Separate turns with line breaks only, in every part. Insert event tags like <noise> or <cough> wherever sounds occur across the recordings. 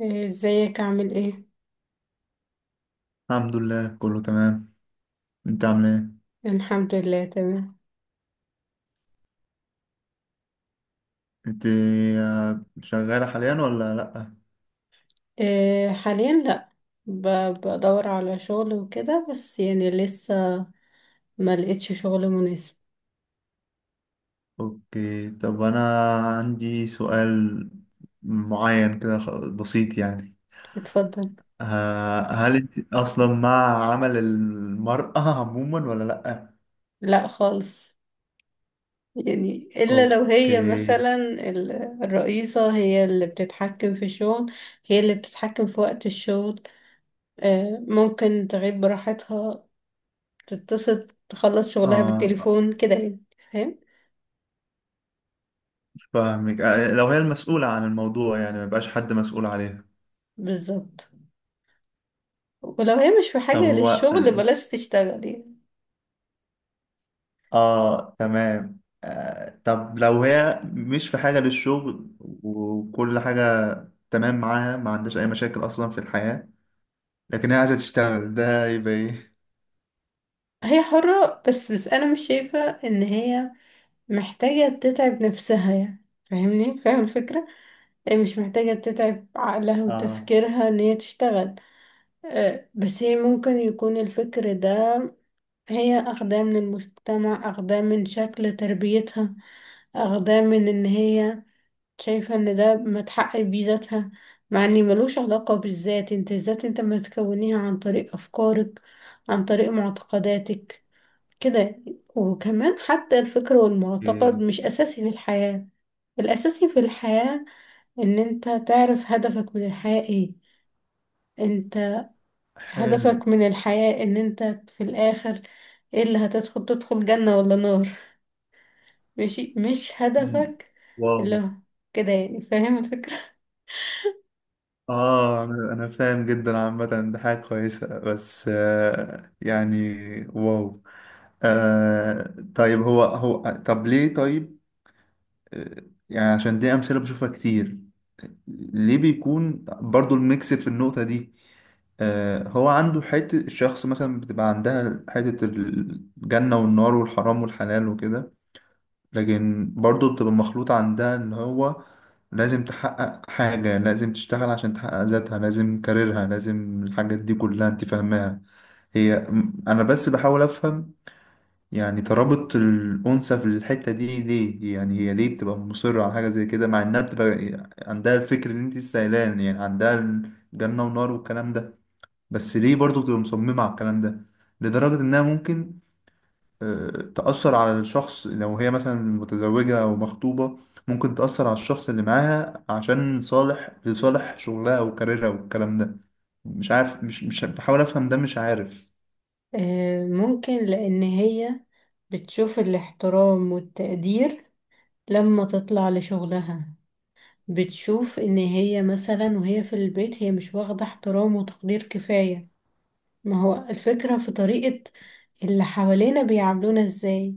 إيه، ازيك عامل ايه؟
الحمد لله، كله تمام. انت عامل ايه؟
الحمد لله تمام.
انت. شغالة حاليا ولا لأ؟
إيه، حاليا لا. ب- بدور على شغل وكده، بس يعني لسه ما لقيتش شغل مناسب.
اوكي، طب انا عندي سؤال معين كده، بسيط يعني.
اتفضل.
هل انت اصلا مع عمل المرأة عموما ولا لأ؟
لا خالص، يعني الا لو هي
اوكي.
مثلا ال- الرئيسة هي اللي بتتحكم في الشغل، هي اللي بتتحكم في وقت الشغل. ممكن تغيب براحتها، تتصل تخلص شغلها
اه،
بالتليفون كده يعني. فاهم؟
فاهمك. لو هي المسؤولة عن الموضوع، يعني ما يبقاش حد مسؤول عليها.
بالظبط. ولو هي مش في
طب
حاجة
هو.
للشغل بلاش تشتغل يعني.
اه تمام. طب لو هي مش في حاجة للشغل وكل حاجة تمام معاها، ما عندهاش أي مشاكل أصلا في الحياة، لكن هي عايزة تشتغل، ده يبقى إيه؟
هي حرة، بس أنا مش شايفة إن هي محتاجة تتعب نفسها يعني. فاهمني؟ فاهم الفكرة. هي مش محتاجة تتعب عقلها
اه.
وتفكيرها إن هي تشتغل. بس هي ممكن يكون الفكر ده هي أخداه من المجتمع، أخداه من شكل تربيتها، أخداه من إن هي شايفة ان ده متحقق بيه ذاتها، مع ان ملوش علاقة بالذات. انت الذات انت ما تكونيها عن طريق افكارك، عن طريق معتقداتك كده. وكمان حتى الفكر والمعتقد
إيه.
مش اساسي في الحياة. الاساسي في الحياة ان انت تعرف هدفك من الحياة ايه. انت
حلو.
هدفك من الحياة ان انت في الاخر ايه اللي هتدخل، تدخل جنة ولا نار. ماشي؟ مش
مم.
هدفك
واو.
اللي هو كده يعني. فاهم الفكرة؟
أنا فاهم جدا عامة. ده حاجة كويسة، بس يعني. واو. طيب، هو هو، طب ليه طيب. آه، يعني عشان دي أمثلة بشوفها كتير. ليه بيكون برضو الميكس في النقطة دي؟ هو عنده حتة، الشخص مثلا بتبقى عندها حتة الجنة والنار والحرام والحلال وكده، لكن برضو بتبقى مخلوطة عندها إن هو لازم تحقق حاجة، لازم تشتغل عشان تحقق ذاتها، لازم كاريرها، لازم الحاجات دي كلها، أنت فاهماها. هي، أنا بس بحاول أفهم، يعني ترابط الأنثى في الحتة دي ليه؟ يعني هي ليه بتبقى مصرة على حاجة زي كده، مع إنها بتبقى عندها الفكر اللي أنت سائلان، يعني عندها جنة ونار والكلام ده، بس ليه برضه بتبقى مصممة على الكلام ده؟ لدرجة إنها ممكن، آه، تأثر على الشخص لو هي مثلا متزوجة أو مخطوبة، ممكن تأثر على الشخص اللي معاها عشان صالح، لصالح شغلها أو كاريرها والكلام ده. مش عارف، مش بحاول أفهم ده، مش عارف.
ممكن لأن هي بتشوف الاحترام والتقدير لما تطلع لشغلها. بتشوف إن هي مثلا وهي في البيت هي مش واخدة احترام وتقدير كفاية. ما هو الفكرة في طريقة اللي حوالينا بيعاملونا ازاي.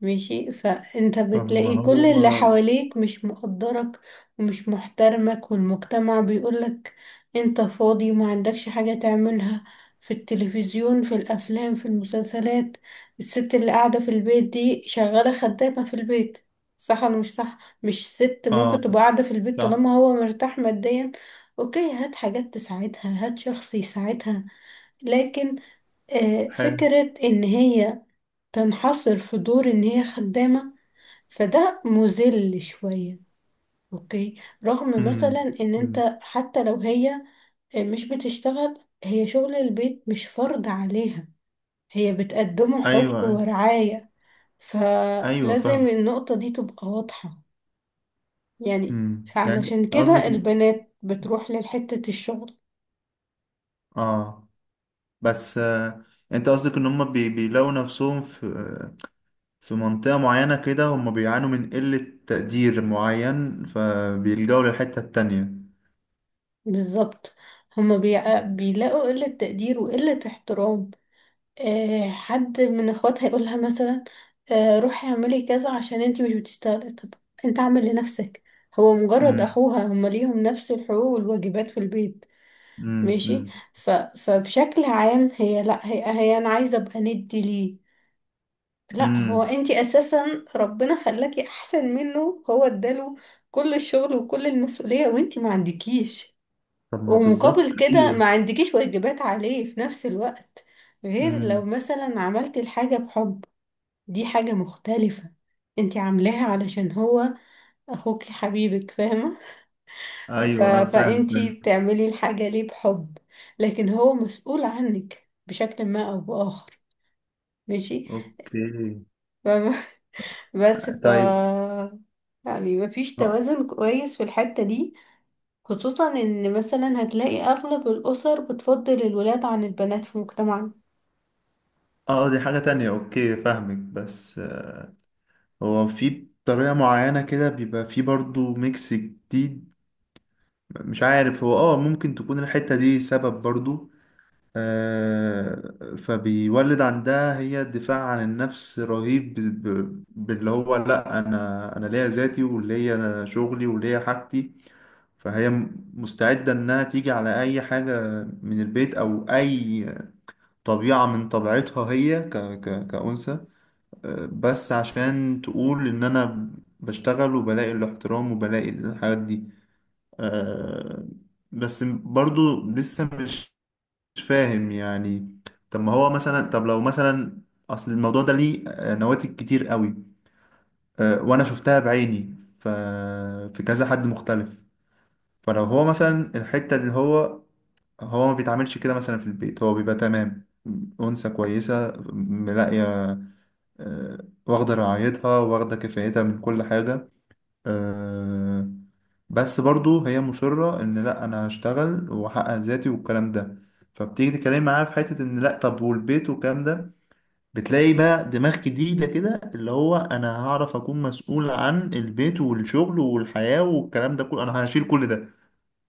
ماشي؟ فانت
طب ما
بتلاقي كل
هو.
اللي حواليك مش مقدرك ومش محترمك، والمجتمع بيقولك انت فاضي وما عندكش حاجة تعملها. في التلفزيون، في الافلام، في المسلسلات، الست اللي قاعدة في البيت دي شغالة خدامة في البيت. صح ولا مش صح؟ مش ست ممكن
آه
تبقى قاعدة في البيت
صح.
طالما هو مرتاح ماديا؟ اوكي، هات حاجات تساعدها، هات شخص يساعدها. لكن
حلو.
فكرة ان هي تنحصر في دور ان هي خدامة، فده مذل شوية. اوكي، رغم مثلا
امم.
ان
أمم.
انت حتى لو هي مش بتشتغل، هي شغل البيت مش فرض عليها، هي بتقدمه
ايوه،
حب
ايوه،
ورعاية.
ايوه.
فلازم
فاهم.
النقطة دي تبقى واضحة يعني.
امم، يعني.
علشان
قصدك.
كده البنات بتروح لحتة الشغل.
اه، بس انت قصدك ان هم بيلاقوا نفسهم في في منطقة معينة كده، هم بيعانوا من قلة تقدير معين، فبيلجأوا للحتة التانية.
بالظبط. هما بيلاقوا قلة تقدير وقلة احترام. حد من اخواتها هيقولها مثلا روحي اعملي كذا عشان انتي مش بتشتغلي. طب انت اعمل لنفسك، هو مجرد
امم.
اخوها، هما ليهم نفس الحقوق والواجبات في البيت.
امم.
ماشي؟
امم.
فبشكل عام، هي لا، هي انا عايزه ابقى ندي ليه؟ لا، هو
أمم.
انتي اساسا ربنا خلاكي احسن منه، هو اداله كل الشغل وكل المسؤوليه، وانتي ما عندكيش.
طب ما
ومقابل
بالظبط،
كده ما
ايوه.
عندكيش واجبات عليه في نفس الوقت، غير لو
امم.
مثلا عملت الحاجة بحب. دي حاجة مختلفة. انتي عاملاها علشان هو اخوكي حبيبك، فاهمة؟
ايوه، أنا فاهم
فانتي
فاهم.
بتعملي الحاجة ليه بحب، لكن هو مسؤول عنك بشكل ما او بآخر. ماشي؟
اوكي.
فاهمة؟ <laughs> بس
طيب.
يعني مفيش
اه.
توازن كويس في الحتة دي، خصوصا ان مثلا هتلاقي اغلب الاسر بتفضل الولاد عن البنات في مجتمعنا.
دي حاجة تانية. اوكي، فاهمك. بس هو في طريقة معينة كده بيبقى في برضو ميكس جديد، مش عارف. هو ممكن تكون الحتة دي سبب برضو. آه فبيولد عندها هي دفاع عن النفس رهيب، باللي هو لأ، أنا ليا ذاتي وليا شغلي وليا حاجتي. فهي مستعدة إنها تيجي على أي حاجة من البيت أو أي طبيعة من طبيعتها هي، ك ك كأنثى، بس عشان تقول ان انا بشتغل وبلاقي الاحترام وبلاقي الحاجات دي. آه، بس برضو لسه مش فاهم يعني. طب ما هو مثلا، طب لو مثلا اصل الموضوع ده ليه نواتج كتير قوي. وانا شفتها بعيني. في كذا حد مختلف. فلو هو مثلا الحتة اللي هو، هو ما بيتعاملش كده مثلا في البيت، هو بيبقى تمام. أنثى كويسة ملاقية، آه، واخدة رعايتها، واخدة كفايتها من كل حاجة. آه، بس برضو هي مصرة إن لأ، أنا هشتغل وأحقق ذاتي والكلام ده. فبتيجي تتكلم معاها في حتة إن لأ، طب والبيت والكلام ده، بتلاقي بقى دماغ جديدة كده، اللي هو أنا هعرف أكون مسؤول عن البيت والشغل والحياة والكلام ده كله، أنا هشيل كل ده.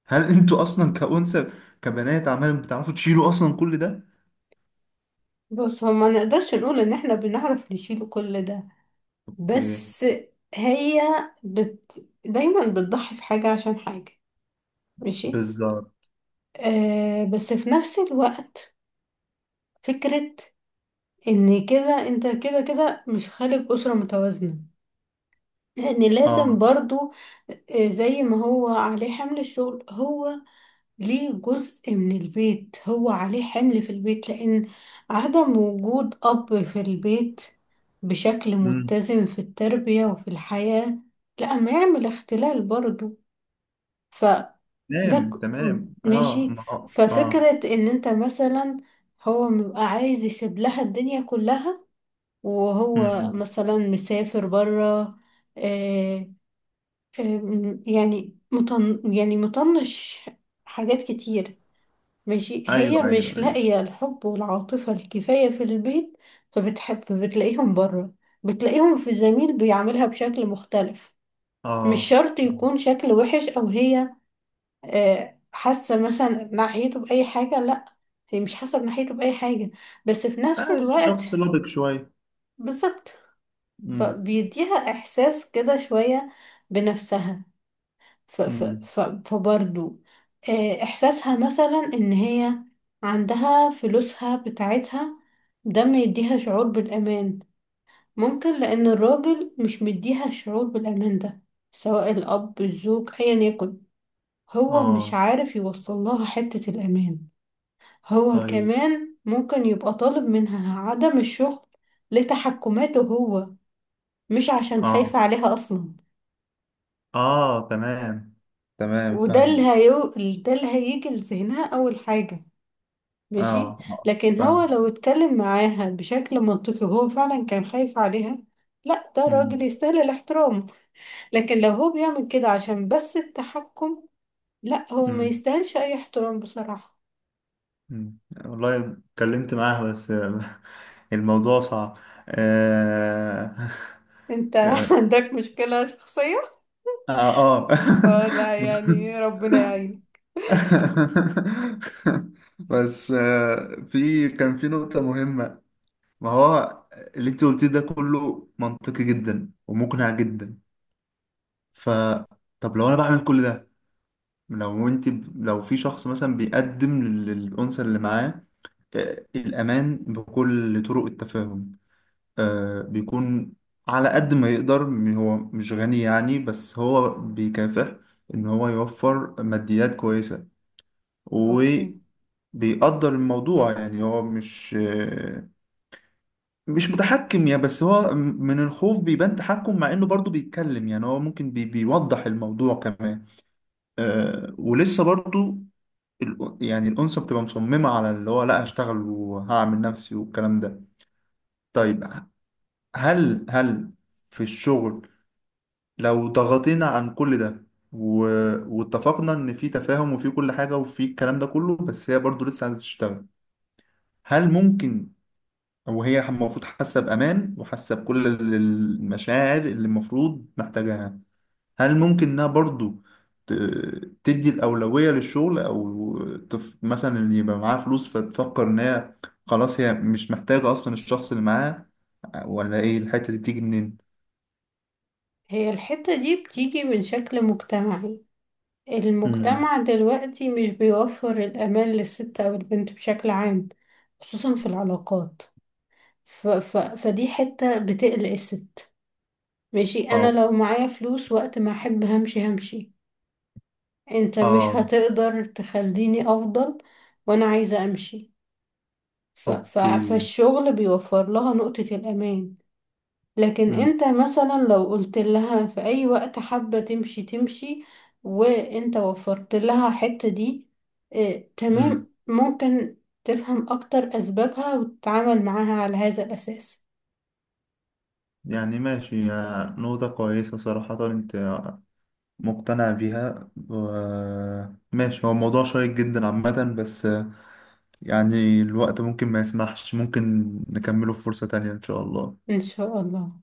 هل <laughs> أنتوا أصلا كأنثى، كبنات، عمال بتعرفوا تشيلوا أصلا كل ده؟
بص، هو ما نقدرش نقول ان احنا بنعرف نشيل كل ده،
اوكي.
بس هي دايما بتضحي في حاجة عشان حاجة. ماشي؟
بالظبط.
آه، بس في نفس الوقت فكرة ان كده انت كده كده مش خالق أسرة متوازنة، لان لازم
اه.
برضو زي ما هو عليه حمل الشغل، هو ليه جزء من البيت، هو عليه حمل في البيت، لأن عدم وجود أب في البيت بشكل
امم.
متزن في التربية وفي الحياة، لا، ما يعمل اختلال برضو. فده
تمام، تمام. اه،
ماشي.
ما هو- اه.
ففكرة إن أنت مثلا هو بيبقى عايز يسيب لها الدنيا كلها
امم.
وهو
إمم.
مثلا مسافر برا. آه، يعني يعني مطنش حاجات كتير. ماشي، هي
ايوه، ايوه،
مش
ايوه.
لاقية الحب والعاطفة الكفاية في البيت، فبتحب بتلاقيهم بره، بتلاقيهم في زميل بيعملها بشكل مختلف. مش
اه.
شرط يكون شكل وحش أو هي حاسة مثلا ناحيته بأي حاجة، لأ، هي مش حاسة ناحيته بأي حاجة، بس في نفس الوقت
الشخص لبق شويه.
بالظبط
امم.
فبيديها إحساس كده شوية بنفسها. ف ف
امم.
ف فبرضو احساسها مثلا ان هي عندها فلوسها بتاعتها، ده ما يديها شعور بالامان. ممكن لان الراجل مش مديها الشعور بالامان ده، سواء الاب الزوج ايا يكن، هو مش
اه.
عارف يوصل لها حتة الامان. هو
طيب.
كمان ممكن يبقى طالب منها عدم الشغل لتحكماته هو، مش عشان خايف
اه،
عليها اصلا.
اه، تمام، تمام،
وده اللي
فاهم.
هيو... ده اللي هيجي لذهنها اول حاجة.
اه،
ماشي.
اه،
لكن هو
فاهم.
لو اتكلم معاها بشكل منطقي وهو فعلا كان خايف عليها، لا، ده راجل
امم.
يستاهل الاحترام. لكن لو هو بيعمل كده عشان بس التحكم، لا، هو ما
امم.
يستاهلش اي احترام بصراحة.
أمم. والله. اتكلمت معاها بس <laughs> الموضوع صعب. اه.
انت
<laughs> اه,
<laughs> عندك مشكلة شخصية.
آه. <laughs>
اه، لا يعني ربنا يعين.
<laughs> بس في كان في نقطة مهمة. ما هو اللي انت قلتيه ده كله منطقي جدا ومقنع جدا. ف طب لو انا بعمل كل ده، لو انت، لو في شخص مثلا بيقدم للأنثى اللي معاه الأمان بكل طرق التفاهم. بيكون على قد ما يقدر، هو مش غني يعني، بس هو بيكافح إن هو يوفر ماديات كويسة.
اوكي.
بيقدر الموضوع يعني، هو مش، متحكم يعني، بس هو من الخوف بيبان تحكم، مع انه برضو بيتكلم يعني هو ممكن بيوضح الموضوع كمان. ولسه برضو يعني الأنثى بتبقى مصممة على اللي هو لا، هشتغل وهعمل نفسي والكلام ده. طيب، هل في الشغل لو ضغطينا عن كل ده و... واتفقنا ان في تفاهم وفي كل حاجة وفي الكلام ده كله، بس هي برضو لسه عايزة تشتغل، هل ممكن، وهي المفروض حاسة بأمان وحاسة بكل المشاعر اللي المفروض محتاجاها، هل ممكن إنها برضو ت- تدي الأولوية للشغل أو مثلا اللي يبقى معاها فلوس فتفكر إن هي خلاص هي مش محتاجة أصلا الشخص اللي معاها؟ ولا إيه الحتة دي بتيجي منين؟
هي الحتة دي بتيجي من شكل مجتمعي.
امم.
المجتمع دلوقتي مش بيوفر الأمان للست أو البنت بشكل عام، خصوصا في العلاقات. فدي حتة بتقلق الست. ماشي، انا
اه،
لو معايا فلوس، وقت ما احب همشي همشي. انت مش
اه،
هتقدر تخليني افضل وانا عايزة امشي.
اوكي.
فالشغل بيوفر لها نقطة الامان. لكن
امم.
انت مثلا لو قلت لها في اي وقت حابة تمشي تمشي، وانت وفرت لها الحتة دي، اه
امم،
تمام، ممكن تفهم اكتر اسبابها وتتعامل معاها على هذا الاساس.
يعني ماشي، يا نقطة كويسة صراحة، انت مقتنع بيها ماشي. هو موضوع شيق جدا عامة، بس يعني الوقت ممكن ما يسمحش، ممكن نكمله في فرصة تانية إن شاء الله.
ان شاء الله.